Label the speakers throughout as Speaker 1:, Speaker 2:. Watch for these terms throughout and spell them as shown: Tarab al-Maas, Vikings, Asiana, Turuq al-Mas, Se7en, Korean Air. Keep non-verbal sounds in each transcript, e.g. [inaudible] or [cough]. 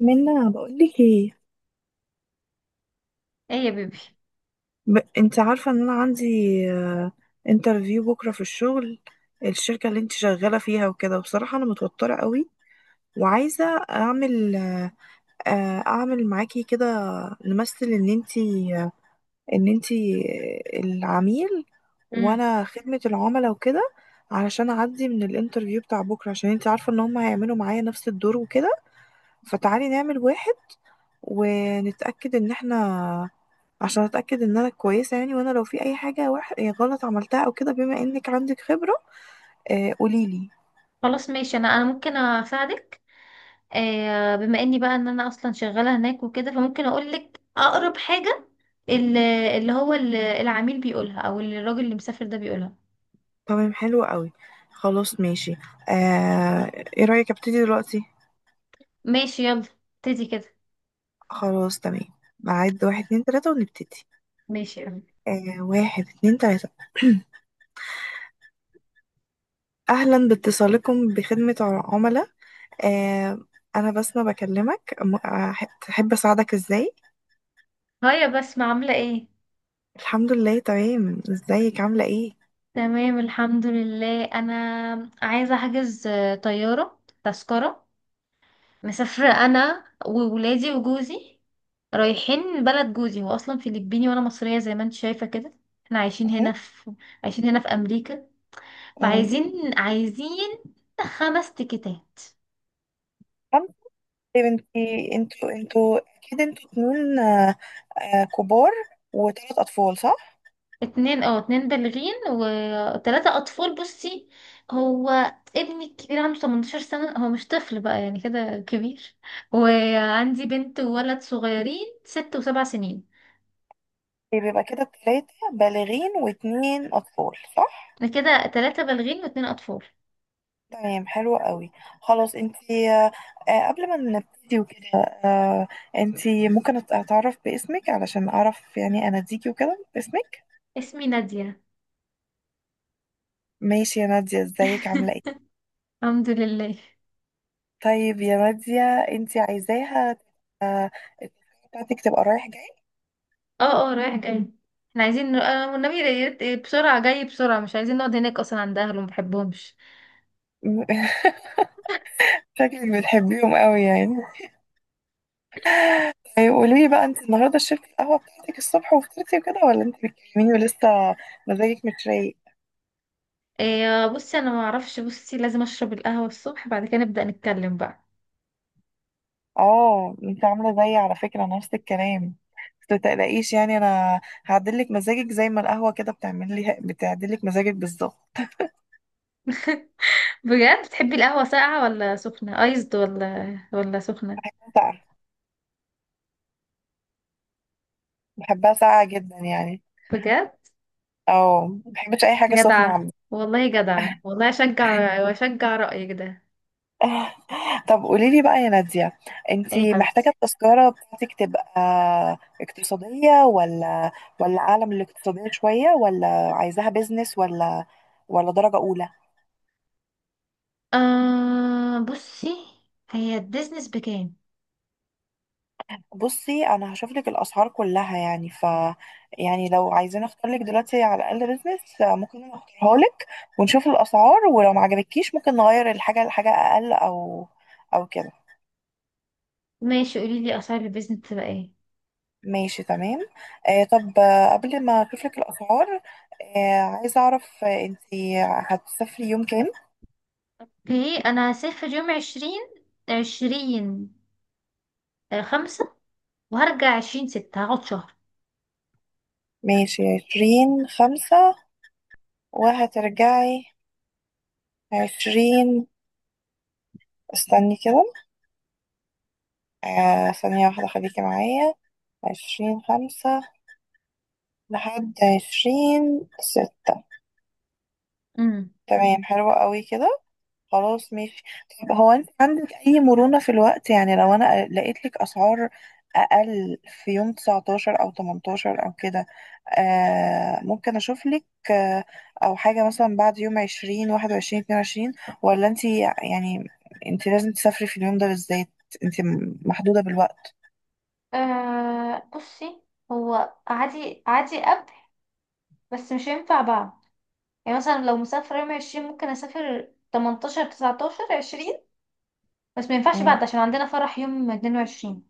Speaker 1: منا بقولك ايه.
Speaker 2: ايه يا بيبي؟
Speaker 1: انت عارفة ان انا عندي انترفيو بكرة في الشغل، الشركة اللي انت شغالة فيها وكده. وبصراحة انا متوترة قوي، وعايزة اعمل اعمل معاكي كده. نمثل ان انت العميل،
Speaker 2: امم.
Speaker 1: وانا خدمة العملاء وكده، علشان اعدي من الانترفيو بتاع بكرة. عشان انت عارفة ان هم هيعملوا معايا نفس الدور وكده. فتعالي نعمل واحد ونتأكد ان احنا، عشان اتأكد ان انا كويسة يعني، وانا لو في اي حاجة وح... إيه، غلط عملتها او كده، بما انك عندك خبرة قوليلي.
Speaker 2: خلاص ماشي، انا ممكن اساعدك. بما اني بقى ان انا اصلا شغاله هناك وكده، فممكن اقول لك اقرب حاجه. ال- اللي هو العميل بيقولها، او الراجل اللي مسافر ده بيقولها.
Speaker 1: تمام، حلو قوي. خلاص ماشي. آه ايه رأيك ابتدي دلوقتي؟
Speaker 2: ماشي، يلا ابتدي كده.
Speaker 1: خلاص تمام، بعد واحد اتنين تلاتة ونبتدي.
Speaker 2: ماشي يا أمي.
Speaker 1: واحد اتنين تلاتة. [clears throat] أهلا باتصالكم بخدمة عملاء. آه أنا بسمة بكلمك تحب أساعدك إزاي؟
Speaker 2: هيا بسمة، عامله ايه؟
Speaker 1: الحمد لله تمام، إزيك عاملة إيه؟
Speaker 2: تمام الحمد لله. انا عايزه احجز طياره، تذكره. مسافرة أنا وولادي وجوزي، رايحين بلد جوزي. هو أصلا فلبيني وأنا مصرية زي ما انت شايفة كده. احنا عايشين هنا في أمريكا. فعايزين عايزين خمس تيكتات.
Speaker 1: طب يا بنتي، انتوا اكيد انتوا اتنين كبار وتلات اطفال صح؟
Speaker 2: اتنين بالغين وتلاتة أطفال. بصي، هو ابني الكبير عنده 18 سنة، هو مش طفل بقى، يعني كده كبير. وعندي بنت وولد صغيرين، 6 و7 سنين.
Speaker 1: طيب يبقى كده التلاتة بالغين واتنين اطفال صح؟
Speaker 2: احنا كده تلاتة بالغين واتنين أطفال.
Speaker 1: تمام حلو قوي. خلاص، انتي قبل ما نبتدي وكده، آه، انتي ممكن اتعرف باسمك، علشان اعرف يعني اناديكي وكده باسمك.
Speaker 2: اسمي نادية.
Speaker 1: ماشي يا نادية، ازيك عاملة ايه؟
Speaker 2: الحمد لله.
Speaker 1: طيب يا نادية، انتي عايزاها آه، التلاتة بتاعتك تبقى رايح جاي؟
Speaker 2: اه، اه، رايح جاي. احنا عايزين والنبي يا ريت، بسرعة جاي بسرعة. مش عايزين نقعد هناك اصلا عند اهله، ما بحبهمش.
Speaker 1: [laughs] شكلك بتحبيهم قوي يعني. طيب قولي لي بقى، انت النهارده شربتي القهوه بتاعتك الصبح وفطرتي وكده، ولا انت بتكلميني ولسه مزاجك مش رايق؟
Speaker 2: إيه بصي، انا ما اعرفش. بصي، لازم اشرب القهوه الصبح، بعد كده نبدا نتكلم بقى.
Speaker 1: اه، انت عامله زيي على فكره، نفس الكلام. بس متقلقيش يعني، انا هعدلك مزاجك زي ما القهوه كده بتعمل لي، بتعدلك مزاجك بالظبط.
Speaker 2: بجد؟ بتحبي القهوه ساقعه ولا سخنه ايزد ولا سخنه؟
Speaker 1: بحبها ساقعه، بحبها ساقعه جدا يعني.
Speaker 2: بجد؟
Speaker 1: اه، ما بحبش اي حاجه سخنه
Speaker 2: جدعه
Speaker 1: عامه.
Speaker 2: والله، جدعه والله، اشجع واشجع رايك ده.
Speaker 1: [laughs] طب قولي لي بقى يا نادية،
Speaker 2: ايه يا
Speaker 1: انتي محتاجة
Speaker 2: حبيبتي؟
Speaker 1: التذكرة بتاعتك تبقى اقتصادية، ولا أعلى من الاقتصادية شوية، ولا عايزاها بيزنس، ولا درجة أولى؟
Speaker 2: بصي، هي البيزنس بكام؟
Speaker 1: بصي، أنا هشوف لك الأسعار كلها يعني. يعني لو عايزين أختار لك دلوقتي على الأقل بيزنس، ممكن أنا أختارها لك ونشوف الأسعار، ولو ما عجبتكيش ممكن نغير الحاجة لحاجة أقل، أو كده.
Speaker 2: ماشي، قولي لي اسعار البيزنس تبقى ايه.
Speaker 1: ماشي تمام. طب قبل ما اشوف لك الاسعار، عايزه اعرف، انت هتسافري يوم كام؟
Speaker 2: اوكي، انا هسافر يوم عشرين، عشرين خمسة. وهرجع عشرين ستة، هقعد شهر.
Speaker 1: ماشي، عشرين خمسة، وهترجعي عشرين. استني كده، ثانية واحدة خليكي معايا. عشرين خمسة لحد عشرين ستة.
Speaker 2: امم.
Speaker 1: تمام حلوة قوي كده. خلاص ماشي. طب هو انت عندك اي مرونة في الوقت؟ يعني لو انا لقيت لك اسعار اقل في يوم 19 او 18 او كده، ممكن اشوف لك، آه او حاجة مثلا بعد يوم 20 21 22. ولا انت يعني انت لازم تسافري في اليوم ده بالذات؟ انت محدودة بالوقت.
Speaker 2: بصي، هو عادي عادي قبل، بس مش هينفع بعد. يعني مثلا لو مسافرة يوم عشرين، ممكن أسافر تمنتاشر، تسعتاشر، عشرين. بس ما ينفعش
Speaker 1: مم.
Speaker 2: بعد عشان عندنا فرح يوم 22.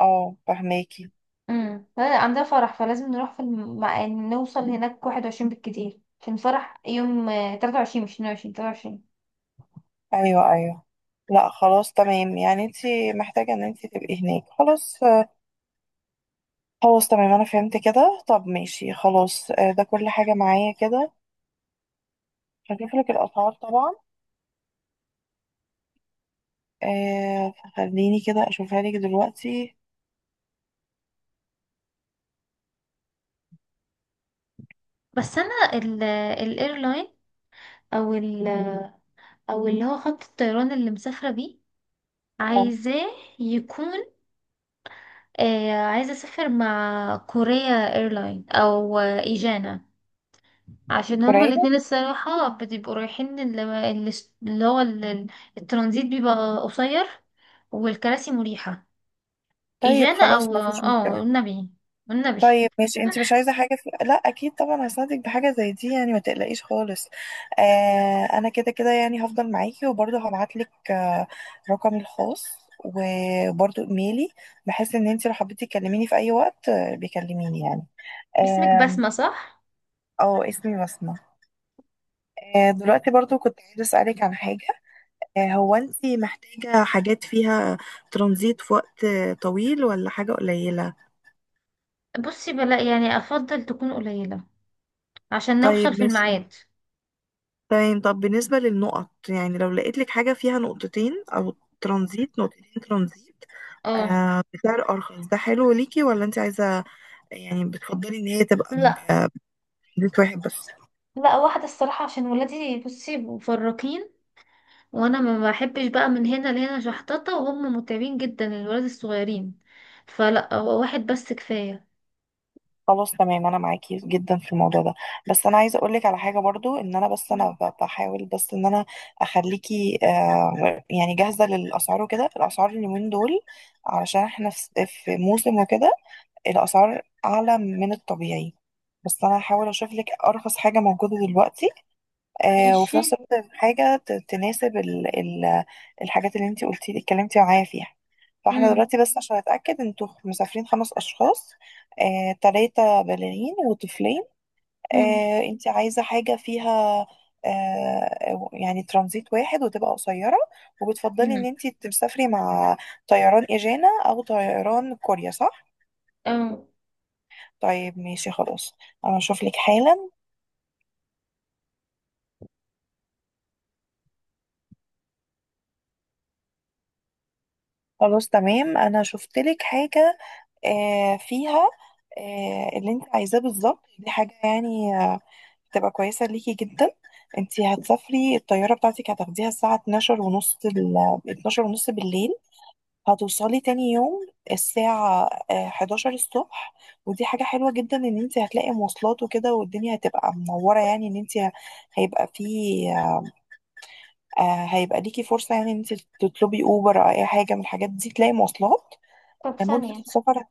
Speaker 1: اه، فهماكي.
Speaker 2: امم، لا، عندنا فرح، فلازم نروح في نوصل هناك 21 بالكتير. عشان الفرح يوم 23، مش 22، 23.
Speaker 1: ايوه ايوه، لا خلاص تمام يعني، انت محتاجة ان انت تبقي هناك خلاص. خلاص تمام، انا فهمت كده. طب ماشي خلاص. ده كل حاجة معايا كده. هشوف لك الاسعار طبعا. فخليني كده اشوفها لك دلوقتي.
Speaker 2: بس انا، او ال او اللي هو خط الطيران اللي مسافره بيه،
Speaker 1: اه،
Speaker 2: عايزاه يكون. عايزه اسافر مع كوريا ايرلاين او ايجانا، عشان هما
Speaker 1: كورية.
Speaker 2: الاتنين الصراحه بتبقوا رايحين، اللي هو الترانزيت بيبقى قصير، والكراسي مريحه.
Speaker 1: طيب
Speaker 2: ايجانا
Speaker 1: خلاص،
Speaker 2: او
Speaker 1: ما فيش مشكلة.
Speaker 2: والنبي، والنبي.
Speaker 1: طيب ماشي، انت مش عايزة حاجة لا، اكيد طبعا هساعدك بحاجة زي دي يعني، ما تقلقيش خالص. انا كده كده يعني هفضل معاكي، وبرضه هبعت لك رقمي الخاص وبرضه ايميلي، بحيث ان انت لو حبيتي تكلميني في اي وقت بيكلميني يعني.
Speaker 2: باسمك
Speaker 1: آم،
Speaker 2: بسمه صح؟
Speaker 1: اه، اسمي بسمة. دلوقتي برضو كنت عايزة أسألك عن حاجة. هو أنتي محتاجة حاجات فيها ترانزيت في وقت طويل، ولا حاجة قليلة؟
Speaker 2: بصي بلا، يعني افضل تكون قليله عشان نوصل
Speaker 1: طيب
Speaker 2: في
Speaker 1: ماشي
Speaker 2: الميعاد.
Speaker 1: تمام. طب بالنسبة للنقط، يعني لو لقيت لك حاجة فيها نقطتين أو ترانزيت، نقطتين ترانزيت
Speaker 2: اه،
Speaker 1: بسعر أرخص، ده حلو ليكي؟ ولا أنتي عايزة، يعني بتفضلي إن هي تبقى
Speaker 2: لا،
Speaker 1: بترانزيت واحد بس؟
Speaker 2: لا، واحدة الصراحة عشان ولادي بصي مفرقين، وانا ما بحبش بقى من هنا لهنا شحططة، وهم متعبين جدا الولاد الصغيرين. فلا، هو واحد بس كفاية.
Speaker 1: خلاص تمام، انا معاكي جدا في الموضوع ده. بس انا عايزه اقولك على حاجه برضو، ان انا بس انا بحاول بس ان انا اخليكي يعني جاهزه للاسعار وكده. الاسعار اليومين دول، علشان احنا في موسم وكده، الاسعار اعلى من الطبيعي. بس انا هحاول اشوف لك ارخص حاجه موجوده دلوقتي. وفي
Speaker 2: ماشي.
Speaker 1: نفس الوقت حاجة تناسب ال ال الحاجات اللي انتي قلتي اتكلمتي معايا فيها. فاحنا
Speaker 2: امم،
Speaker 1: دلوقتي، بس عشان اتأكد، انتوا مسافرين خمس اشخاص، تلاتة بالغين وطفلين.
Speaker 2: امم،
Speaker 1: انتي عايزة حاجة فيها يعني ترانزيت واحد وتبقى قصيرة، وبتفضلي ان
Speaker 2: امم.
Speaker 1: انتي تسافري مع طيران ايجانا او طيران كوريا صح؟
Speaker 2: اه،
Speaker 1: طيب ماشي خلاص، انا اشوف لك حالا. خلاص تمام، انا شفت لك حاجة فيها اللي انت عايزاه بالظبط. دي حاجة يعني تبقى كويسة ليكي جدا. انت هتسافري، الطيارة بتاعتك هتاخديها الساعة 12 ونص، 12 ونص بالليل. هتوصلي تاني يوم الساعة 11 الصبح. ودي حاجة حلوة جدا، ان انت هتلاقي مواصلات وكده، والدنيا هتبقى منورة. يعني ان انت هيبقى في آه، هيبقى ليكي فرصة، يعني ان انت تطلبي اوبر او اي حاجة من الحاجات دي، تلاقي مواصلات.
Speaker 2: طب
Speaker 1: مدة
Speaker 2: ثانية.
Speaker 1: السفر،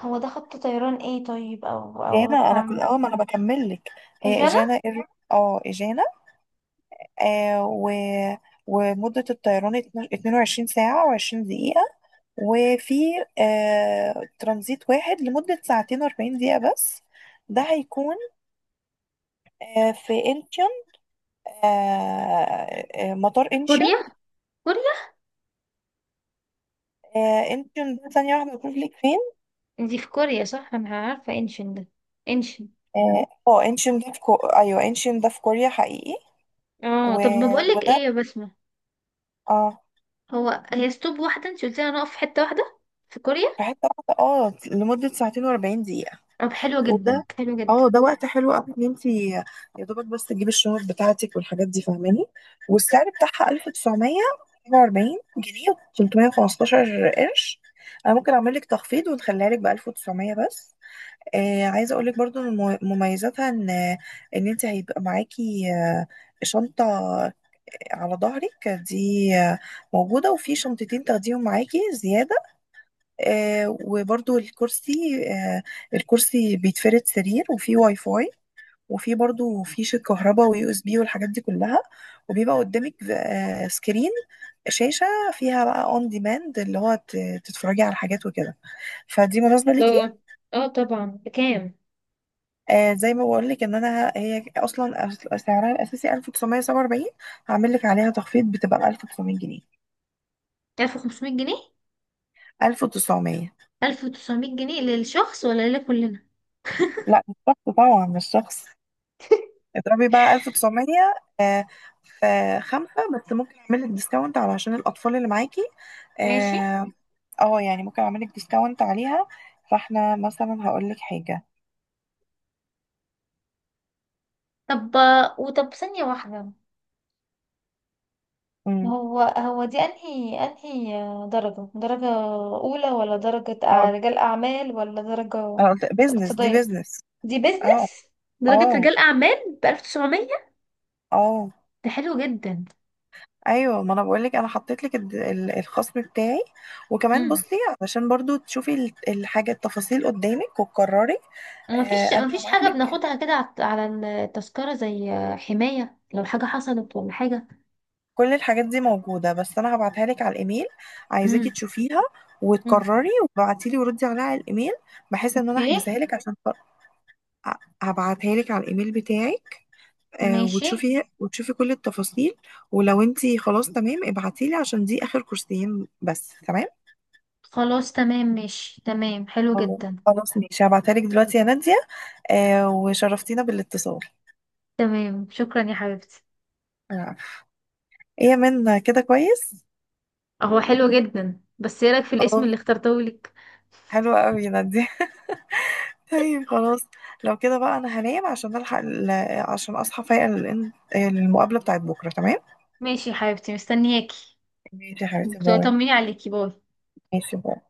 Speaker 2: هو ده خط طيران ايه؟ طيب او او
Speaker 1: جانا. انا
Speaker 2: بتاع-.
Speaker 1: كنت اول ما انا بكمل لك، هي
Speaker 2: اجانا.
Speaker 1: اجانا اه اجانا آه و ومدة الطيران 22 ساعة و20 دقيقة، وفي ترانزيت واحد لمدة ساعتين و40 دقيقة بس. ده هيكون في انشون، مطار انشون.
Speaker 2: كوريا، كوريا.
Speaker 1: انشون ده، ثانية واحدة بقول لك فين.
Speaker 2: دي في كوريا صح؟ انا عارفة انشن ده. انشن.
Speaker 1: انشون ده في ايوه، انشون ده في كوريا حقيقي.
Speaker 2: اه،
Speaker 1: و...
Speaker 2: طب ما بقولك ايه
Speaker 1: وده،
Speaker 2: يا بسمة؟
Speaker 1: اه،
Speaker 2: هي ستوب واحدة؟ انت قلتي هنقف في حتة واحدة في
Speaker 1: في
Speaker 2: كوريا.
Speaker 1: حتة واحدة، اه، لمدة ساعتين و40 دقيقة.
Speaker 2: طب، حلوة جدا،
Speaker 1: وده
Speaker 2: حلوة جدا.
Speaker 1: اه ده وقت حلو قوي ان انت يا دوبك بس تجيبي الشنط بتاعتك والحاجات دي فاهماني. والسعر بتاعها 1947 جنيه و315 قرش. انا ممكن اعمل لك تخفيض ونخليها لك ب 1900 بس. عايزه اقول لك برضو ان مميزاتها ان، ان انت هيبقى معاكي شنطه على ظهرك دي موجوده، وفي شنطتين تاخديهم معاكي زياده. وبرضو آه الكرسي بيتفرد سرير، وفيه واي فاي، وفي برضو فيش الكهرباء ويو اس بي والحاجات دي كلها. وبيبقى قدامك سكرين، شاشة، فيها بقى اون ديماند، اللي هو تتفرجي على حاجات وكده. فدي مناسبة ليكي.
Speaker 2: لا. اه طبعا، بكام؟
Speaker 1: زي ما بقول لك ان انا، هي اصلا سعرها الاساسي 1947. هعمل لك عليها تخفيض بتبقى 1900 جنيه.
Speaker 2: 1500 جنيه؟
Speaker 1: 1900؟
Speaker 2: 1900 جنيه للشخص ولا لكلنا؟
Speaker 1: لا، مش شخص طبعا، مش شخص. اضربي بقى 1900 آه في خمسة بس. ممكن اعمل لك ديسكاونت علشان الاطفال اللي معاكي،
Speaker 2: ماشي.
Speaker 1: آه، اه يعني ممكن اعملك ديسكاونت عليها. فاحنا مثلا هقول لك حاجه.
Speaker 2: طب ثانية واحدة.
Speaker 1: امم
Speaker 2: هو دي انهي درجة أولى، ولا درجة
Speaker 1: هقول
Speaker 2: رجال أعمال، ولا درجة
Speaker 1: هقول بيزنس، دي
Speaker 2: اقتصادية؟
Speaker 1: بيزنس.
Speaker 2: دي
Speaker 1: اه،
Speaker 2: بيزنس. درجة
Speaker 1: اه،
Speaker 2: رجال أعمال ب1900.
Speaker 1: اه،
Speaker 2: ده حلو جدا.
Speaker 1: ايوه، ما انا بقول لك، انا حطيت لك الخصم بتاعي. وكمان
Speaker 2: امم.
Speaker 1: بصي، علشان برضو تشوفي الحاجه، التفاصيل قدامك وتقرري.
Speaker 2: ومفيش
Speaker 1: انا
Speaker 2: مفيش
Speaker 1: هبعت
Speaker 2: حاجة
Speaker 1: لك
Speaker 2: بناخدها كده على التذكرة، زي حماية لو حاجة حصلت ولا حاجة؟
Speaker 1: كل الحاجات دي موجوده، بس انا هبعتها لك على الايميل.
Speaker 2: امم.
Speaker 1: عايزاكي تشوفيها وتقرري وابعتي لي وردي عليها على الايميل، بحيث ان انا
Speaker 2: اوكي.
Speaker 1: احجزها لك. عشان ه- هبعتها لك على الايميل بتاعي،
Speaker 2: ماشي.
Speaker 1: وتشوفي، كل التفاصيل. ولو انتي خلاص تمام، ابعتيلي، عشان دي اخر كورسين بس، تمام.
Speaker 2: خلاص تمام، ماشي، تمام، حلو
Speaker 1: خلاص،
Speaker 2: جدا.
Speaker 1: خلاص ماشي، هبعتهالك دلوقتي يا نادية. وشرفتينا بالاتصال.
Speaker 2: تمام، شكرا يا حبيبتي.
Speaker 1: آه. ايه يا من، كده كويس؟
Speaker 2: هو حلو جدا، بس ايه رايك في الاسم
Speaker 1: خلاص،
Speaker 2: اللي اخترته لك؟
Speaker 1: حلو قوي يا نادية. [laughs] طيب خلاص، لو كده بقى انا هنام، عشان اصحى فايقة للمقابلة بتاعت بكرة، تمام.
Speaker 2: ماشي يا حبيبتي، مستنياكي.
Speaker 1: ماشي يا حبيبتي، باي.
Speaker 2: طمني عليكي، باي.
Speaker 1: ماشي، باي.